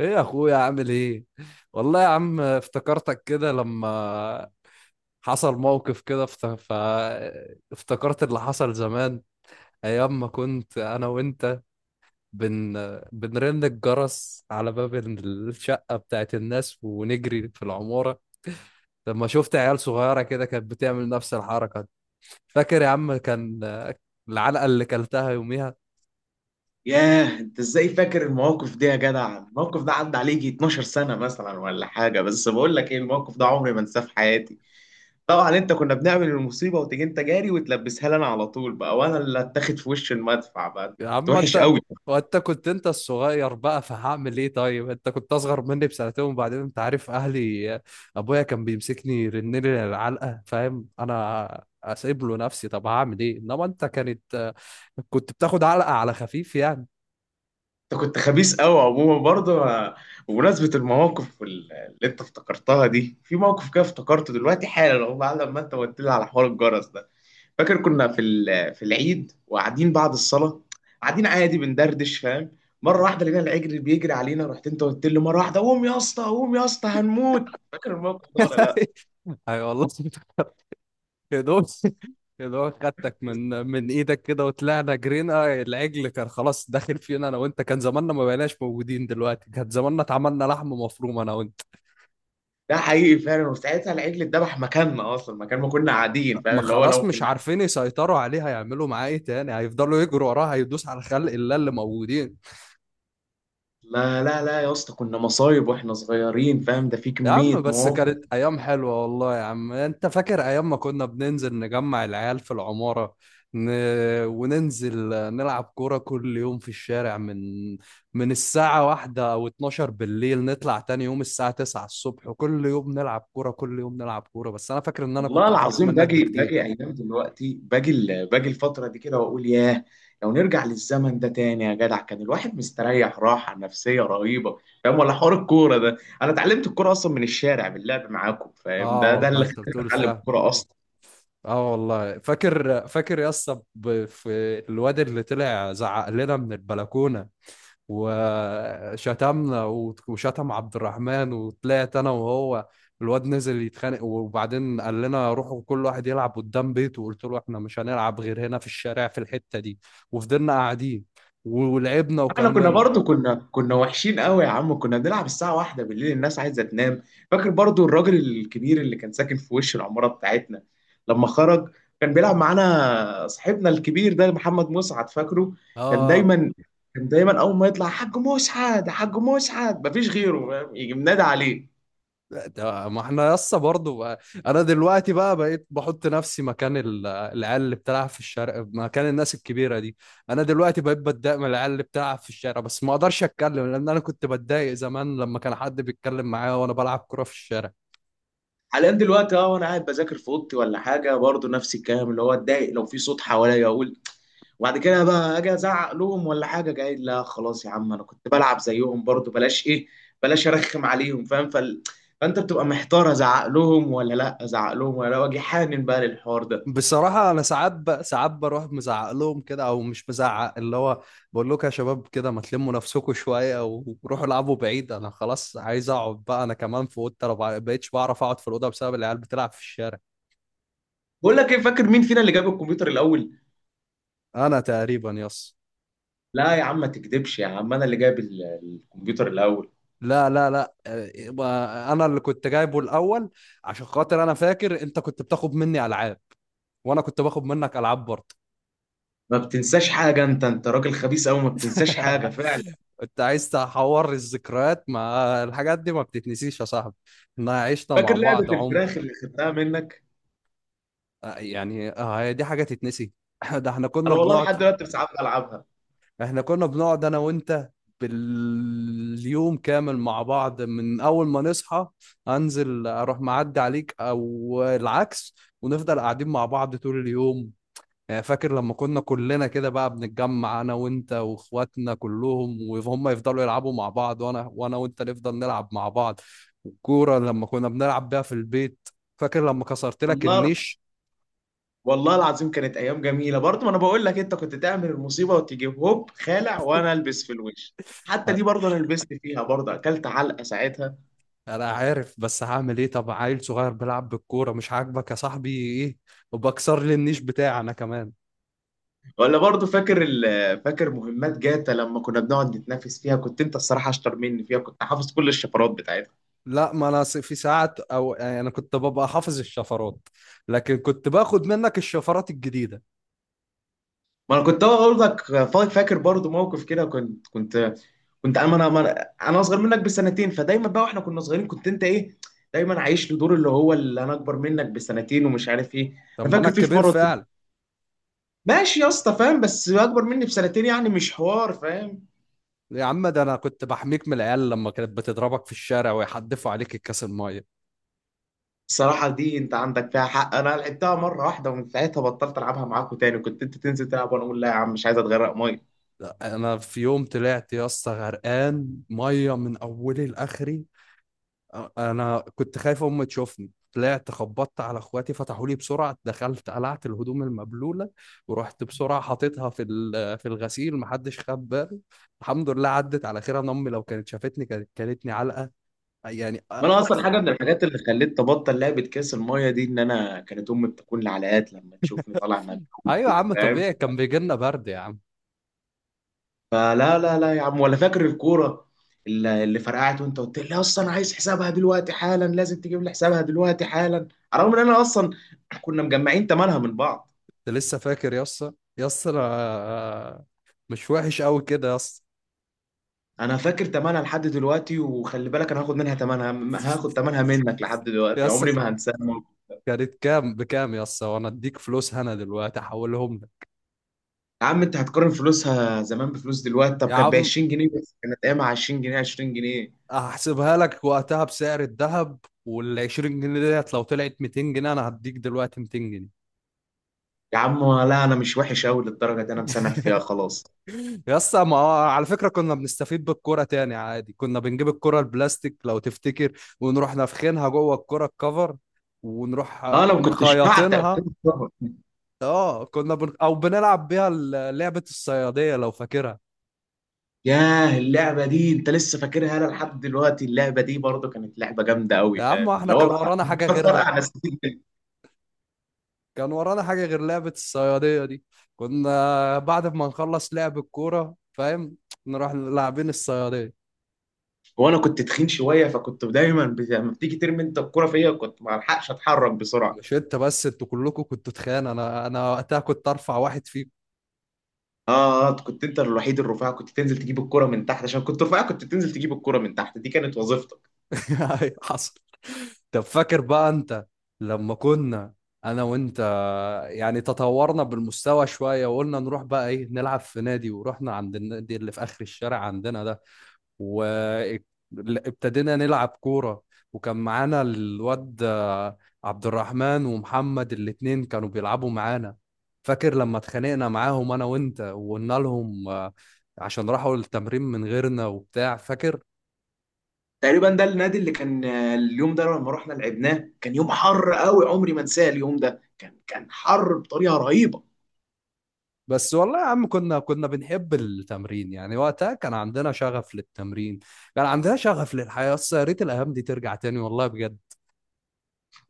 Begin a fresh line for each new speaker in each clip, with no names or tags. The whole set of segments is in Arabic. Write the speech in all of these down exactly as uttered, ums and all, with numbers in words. ايه يا اخويا عامل ايه؟ والله يا عم افتكرتك كده لما حصل موقف كده فت... ف... افتكرت اللي حصل زمان، ايام ما كنت انا وانت بن... بنرن الجرس على باب الشقة بتاعت الناس ونجري في العمارة، لما شفت عيال صغيرة كده كانت بتعمل نفس الحركة. فاكر يا عم كان العلقة اللي كلتها يوميها؟
ياه، انت ازاي فاكر المواقف دي يا جدع؟ الموقف ده عدى عليه يجي 12 سنة مثلا ولا حاجة، بس بقول لك ايه، الموقف ده عمري ما انساه في حياتي. طبعا انت كنا بنعمل المصيبة وتيجي انت جاري وتلبسها لي انا على طول بقى، وانا اللي اتاخد في وش المدفع بقى. انت
يا
كنت
عم
وحش
انت،
قوي.
وانت كنت انت الصغير بقى فهعمل ايه؟ طيب انت كنت اصغر مني بسنتين، وبعدين انت عارف اهلي، ابويا كان بيمسكني يرنني العلقه، فاهم؟ انا اسيب له نفسي، طب هعمل ايه؟ انما انت كانت كنت بتاخد علقه على خفيف يعني.
انت كنت خبيث قوي عموما برضه انا- بمناسبة المواقف وال- اللي انت افتكرتها دي، في موقف كده افتكرته دلوقتي حالا اهو بعد ما انت قلت لي على حوار الجرس ده. فاكر كنا في ال- في العيد وقاعدين بعد الصلاه، قاعدين عادي بندردش فاهم. مره واحده لقينا العجل بيجري علينا، رحت انت قلت له مره واحده: قوم يا اسطى قوم يا اسطى هنموت. فاكر الموقف ده ولا لا؟
اي والله. يا دوب يا دوب خدتك من من ايدك كده وطلعنا جرينا. العجل كان خلاص داخل فينا انا وانت، كان زماننا ما بقيناش موجودين دلوقتي، كان زماننا اتعملنا لحم مفروم انا وانت.
ده حقيقي فعلا، وساعتها العجل اتذبح مكاننا اصلا، مكان ما كنا قاعدين فاهم،
ما
اللي هو
خلاص
لو
مش
كنا.
عارفين يسيطروا عليه، هيعملوا معاه ايه تاني؟ هيفضلوا يجروا وراه، هيدوس على خلق الله اللي موجودين.
لا لا لا يا اسطى، كنا مصايب واحنا صغيرين فاهم، ده في
يا عم
كميه
بس
مواقف.
كانت ايام حلوه، والله يا عم. انت فاكر ايام ما كنا بننزل نجمع العيال في العماره، ن... وننزل نلعب كوره كل يوم في الشارع من من الساعه واحدة او اتناشر بالليل، نطلع تاني يوم الساعه تسعة الصبح، وكل يوم نلعب كوره، كل يوم نلعب كوره؟ بس انا فاكر ان انا
والله
كنت احرف
العظيم
منك
باجي باجي
بكتير.
ايام دلوقتي، باجي ال- باجي الفتره دي كده واقول ياه، لو نرجع للزمن ده تاني يا جدع كان الواحد مستريح راحه نفسيه رهيبه فاهم؟ ولا حوار الكوره ده، انا اتعلمت الكوره اصلا من الشارع باللعب معاكم فاهم،
اه
ده ده
والله
اللي
انت
خلاني
بتقول
اتعلم
فيها.
الكوره اصلا.
اه والله فاكر، فاكر يا اسطى، ب- في الواد اللي طلع زعق لنا من البلكونه وشتمنا وت- وشتم عبد الرحمن، وطلعت انا وهو. الواد نزل يتخانق، وبعدين قال لنا روحوا كل واحد يلعب قدام بيته، وقلت له احنا مش هنلعب غير هنا في الشارع في الحته دي، وفضلنا قاعدين ولعبنا
احنا كنا
وكملنا.
برضو كنا كنا وحشين قوي يا عم، كنا بنلعب الساعة واحدة بالليل الناس عايزة تنام. فاكر برضو الراجل الكبير اللي كان ساكن في وش العمارة بتاعتنا لما خرج؟ كان بيلعب معانا صاحبنا الكبير ده محمد مسعد، فاكره؟ كان
اه.
دايما كان دايما اول ما يطلع: حاج مسعد حاج مسعد مفيش غيره فاهم، يجي منادى عليه.
ده- ما احنا يسا برضو بقى. انا دلوقتي بقى بقيت بحط نفسي مكان ال- العيال اللي بتلعب في الشارع، مكان الناس الكبيره دي. انا دلوقتي بقيت بتضايق من العيال اللي بتلعب في الشارع، بس ما اقدرش اتكلم لان انا كنت بتضايق زمان لما كان حد بيتكلم معايا وانا بلعب كرة في الشارع.
حاليا دلوقتي اه، وانا قاعد بذاكر في اوضتي ولا حاجة برضو نفس الكلام، اللي هو اتضايق لو في صوت حواليا اقول. وبعد كده بقى اجي ازعق لهم ولا حاجه، قايل: لا خلاص يا عم، انا كنت بلعب زيهم برضو، بلاش ايه، بلاش ارخم عليهم فاهم. فال... فانت بتبقى محتار، ازعق لهم ولا لا، ازعق لهم ولا لا، واجي حانن بقى للحوار ده.
بصراحه انا ساعات ب... ساعات بروح مزعق لهم كده، او مش مزعق، اللي هو بقول لكم يا شباب كده، ما تلموا نفسكم شويه وروحوا العبوا بعيد، انا خلاص عايز اقعد بقى انا كمان في اوضتي. انا ما بقيتش بعرف اقعد في الاوضه بسبب العيال بتلعب في الشارع.
بقول لك ايه، فاكر مين فينا اللي جاب الكمبيوتر الاول؟
انا تقريبا يس.
لا يا عم ما تكدبش يا عم، انا اللي جاب ال- الكمبيوتر الاول.
لا لا لا آه، يبقى انا اللي كنت جايبه الاول. عشان خاطر انا فاكر انت كنت بتاخد مني العاب، وانا كنت باخد منك العاب برضه.
ما بتنساش حاجه انت، انت راجل خبيث قوي، ما بتنساش حاجه فعلا.
انت عايز تحور الذكريات؟ ما الحاجات دي ما بتتنسيش يا صاحبي، احنا عشنا
فاكر
مع
لعبه
بعض عمر.
الفراخ اللي خدتها منك؟
آه، يعني آه، هي دي حاجه تتنسي؟ ده احنا كنا
انا والله
بنقعد،
لحد دلوقتي ساعات بلعبها.
احنا كنا بنقعد انا وانت باليوم كامل مع بعض، من اول ما نصحى انزل اروح معدي عليك او العكس، ونفضل قاعدين مع بعض طول اليوم. يعني فاكر لما كنا كلنا كده بقى بنتجمع انا وانت واخواتنا كلهم، وهم يفضلوا يلعبوا مع بعض، وانا وانا وانت نفضل نلعب مع بعض، والكورة لما كنا بنلعب بيها في البيت، فاكر لما كسرت لك
والله،
النيش؟
والله العظيم كانت ايام جميله برضه. ما انا بقول لك، انت كنت تعمل المصيبه وتيجي هوب خالع وانا البس في الوش. حتى دي برضه انا لبست فيها برضه، اكلت علقه ساعتها.
انا عارف، بس هعمل ايه؟ طب عيل صغير بيلعب بالكوره مش عاجبك يا صاحبي ايه، وبكسر لي النيش بتاعي انا كمان؟
ولا برضه فاكر ال- فاكر مهمات جاتا؟ لما كنا بنقعد نتنافس فيها كنت انت الصراحه اشطر مني فيها، كنت حافظ كل الشفرات بتاعتها.
لا، ما انا س- في ساعات، او يعني انا كنت ببقى حافظ الشفرات، لكن كنت باخد منك الشفرات الجديده.
ما انا كنت اقول لك، فا- فاكر برضه موقف كده؟ كنت كنت كنت انا انا أنا- أنا اصغر منك بسنتين، فدايما بقى واحنا كنا صغيرين كنت انت ايه، دايما عايش لدور اللي هو اللي انا اكبر منك بسنتين ومش عارف ايه.
طب
انا
ما انا
فاكر في في
الكبير
مره،
فعلا.
ماشي يا اسطى فاهم، بس اكبر مني بسنتين يعني مش حوار فاهم.
يا عم ده انا كنت بحميك من العيال لما كانت بتضربك في الشارع، ويحدفوا عليك الكاس الميه.
الصراحة دي انت عندك فيها حق، انا لعبتها مرة واحدة ومن ساعتها بطلت العبها معاكوا تاني. كنت انت تنزل تلعب وانا اقول: لا يا عم مش عايز اتغرق مية.
لا، انا في يوم طلعت يا اسطى غرقان ميه من اولي لاخري، انا كنت خايف امي تشوفني، طلعت خبطت على اخواتي فتحوا لي بسرعه، دخلت قلعت الهدوم المبلوله، ورحت بسرعه حاططها في ال- في الغسيل محدش خد باله. الحمد لله عدت على خير، انا امي لو كانت شافتني كانت كلتني علقه يعني،
ما انا اصلا
اقصى.
حاجة من الحاجات اللي خلتني ابطل لعبة كاس المية دي ان انا كانت امي بتكون لعلقات لما تشوفني طالع مبلول
ايوه يا
كده
عم
فاهم.
طبيعي، كان بيجي لنا برد يا عم.
فلا لا لا يا عم، ولا فاكر الكورة اللي اللي فرقعت وانت قلت لي: اصلا انا عايز حسابها دلوقتي حالا، لازم تجيب لي حسابها دلوقتي حالا. على الرغم ان انا اصلا كنا مجمعين تمنها من بعض.
انت لسه فاكر يا اسطى؟ يا اسطى أنا مش وحش قوي كده يا اسطى.
انا فاكر تمنها لحد دلوقتي، وخلي بالك انا هاخد منها تمنها م- هاخد تمنها منك لحد
يا
دلوقتي،
اسطى
عمري
ك-
ما هنساها.
كانت كام بكام يا اسطى؟ وانا اديك فلوس هنا دلوقتي، احولهم لك.
يا عم انت هتقارن فلوسها زمان بفلوس دلوقتي؟ طب
يا
كانت ب
عم
عشرين جنيه بس، كانت ايامها عشرين جنيه عشرين جنيه
هحسبها لك وقتها بسعر الذهب، وال عشرين جنيه ديت لو طلعت مئتين جنيه انا هديك دلوقتي مئتين جنيه.
يا عم. لا انا مش وحش قوي للدرجه دي، انا مسامح فيها خلاص.
يا اسطى ما هو على فكره كنا بنستفيد بالكوره تاني عادي، كنا بنجيب الكوره البلاستيك لو تفتكر، ونروح نافخينها جوه الكوره الكفر، ونروح
اه انا ما كنتش بعتق.
مخيطينها. اه كنا بن... او بنلعب بيها ال- لعبه الصياديه لو فاكرها.
ياه اللعبه دي انت لسه فاكرها؟ انا لحد دلوقتي اللعبه دي برضو كانت لعبه جامده قوي
يا عم
فاهم
احنا
اللي هو
كان
بقى.
ورانا حاجه غيرها؟
فرقع نسيت.
كان ورانا حاجة غير لعبة الصيادية دي؟ كنا بعد ما نخلص لعب الكورة فاهم، نروح لاعبين الصيادية.
وانا كنت تخين شويه، فكنت دايما بت- لما بتيجي ترمي انت الكرة فيا كنت ما الحقش اتحرك بسرعه.
مش انت بس، انتوا كلكم كنتوا تخان، انا انا وقتها كنت ارفع واحد فيكم.
اه آه، كنت انت الوحيد الرفيع، كنت تنزل تجيب الكرة من تحت عشان كنت رفيع، كنت تنزل تجيب الكرة من تحت، دي كانت وظيفتك.
أيوة، حصل. طب فاكر بقى انت لما كنا انا وانت يعني تطورنا بالمستوى شوية، وقلنا نروح بقى ايه نلعب في نادي، ورحنا عند النادي اللي في اخر الشارع عندنا ده، وابتدينا نلعب كورة؟ وكان معانا الواد آه، عبد الرحمن ومحمد، الاتنين كانوا بيلعبوا معانا. فاكر لما اتخانقنا معاهم انا وانت، وقلنا لهم آه، عشان راحوا التمرين من غيرنا وبتاع، فاكر؟
تقريبا ده النادي اللي كان آه، اليوم ده لما رحنا لعبناه كان يوم حر قوي عمري ما انساه. اليوم ده كان كان حر بطريقه رهيبه.
بس والله يا عم كنا كنا بنحب التمرين يعني، وقتها كان عندنا شغف للتمرين، كان عندنا شغف للحياة، بس يا ريت الايام دي ترجع تاني والله بجد.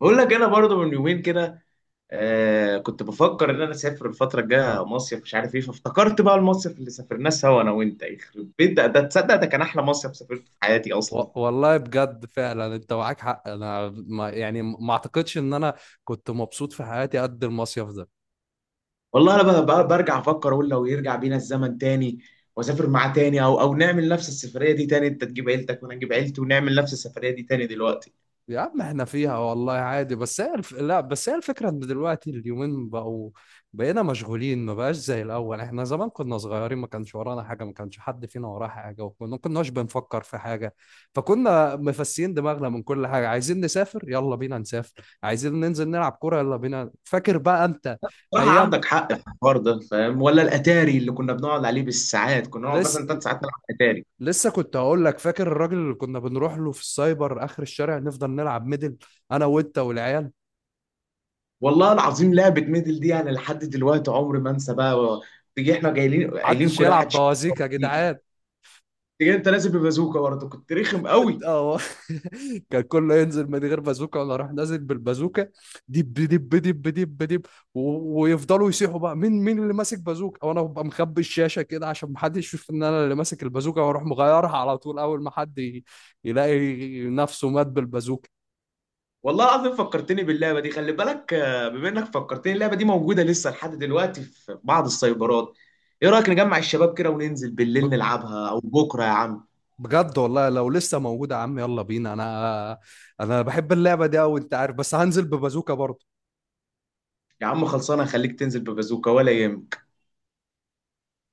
بقول لك انا برضه من يومين كده آه كنت بفكر ان انا اسافر الفتره الجايه مصيف مش عارف ايه، فافتكرت بقى المصيف اللي سافرناه سوا انا وانت، يخرب بيت ده، ده تصدق ده كان احلى مصيف سافرته في حياتي اصلا.
و- والله بجد فعلا انت معاك حق، انا ما يعني ما اعتقدش ان انا كنت مبسوط في حياتي قد المصيف ده.
والله انا بقى, بقى برجع افكر اقول لو يرجع بينا الزمن تاني واسافر معاه تاني، او او نعمل نفس السفريه دي تاني، انت تجيب عيلتك وانا اجيب عيلتي ونعمل نفس السفريه دي تاني دلوقتي.
يا عم احنا فيها والله عادي، بس هي الف... لا، بس هي الفكره ان دلوقتي اليومين بقوا، بقينا مشغولين، ما بقاش زي الاول. احنا زمان كنا صغيرين، ما كانش ورانا حاجه، ما كانش حد فينا وراه حاجه، وكنا ما كناش بنفكر في حاجه، فكنا مفسيين دماغنا من كل حاجه. عايزين نسافر يلا بينا نسافر، عايزين ننزل نلعب كوره يلا بينا. فاكر بقى انت
صراحه
ايام
عندك حق في الحوار ده فاهم، ولا الاتاري اللي كنا بنقعد عليه بالساعات، كنا نقعد مثلا
لسه،
ثلاث ساعات نلعب اتاري.
لسه كنت هقول لك، فاكر الراجل اللي كنا بنروح له في السايبر اخر الشارع، نفضل نلعب ميدل انا وانت والعيال؟
والله العظيم لعبة ميدل دي انا لحد دلوقتي عمري ما انسى بقى. تيجي احنا جايين قايلين
محدش
كلها
يلعب
محدش ينسى، هو
بوازيك يا
تيجي
جدعان.
تيجي انت لازم ببازوكا برضه، كنت رخم قوي.
اه. كان كله ينزل من غير بازوكا، ولا راح نازل بالبازوكا، دب دب دب دب دب، و- ويفضلوا يصيحوا بقى مين، مين اللي ماسك بازوكا، وانا ببقى مخبي الشاشه كده عشان محدش يشوف ان انا اللي ماسك البازوكا، واروح مغيرها على طول اول ما حد ي- يلاقي نفسه مات بالبازوكا.
والله العظيم فكرتني باللعبة دي. خلي بالك آه، بما انك فكرتني اللعبة دي موجودة لسه لحد دلوقتي في بعض السايبرات. ايه رأيك نجمع الشباب كده وننزل بالليل
ب-
نلعبها او بكرة يا عم؟
بجد والله لو لسه موجودة يا عم يلا بينا، انا انا بحب اللعبة دي أوي انت عارف، بس هنزل ببازوكا برضه.
يا عم خلصانة، خليك تنزل ببازوكا ولا يهمك.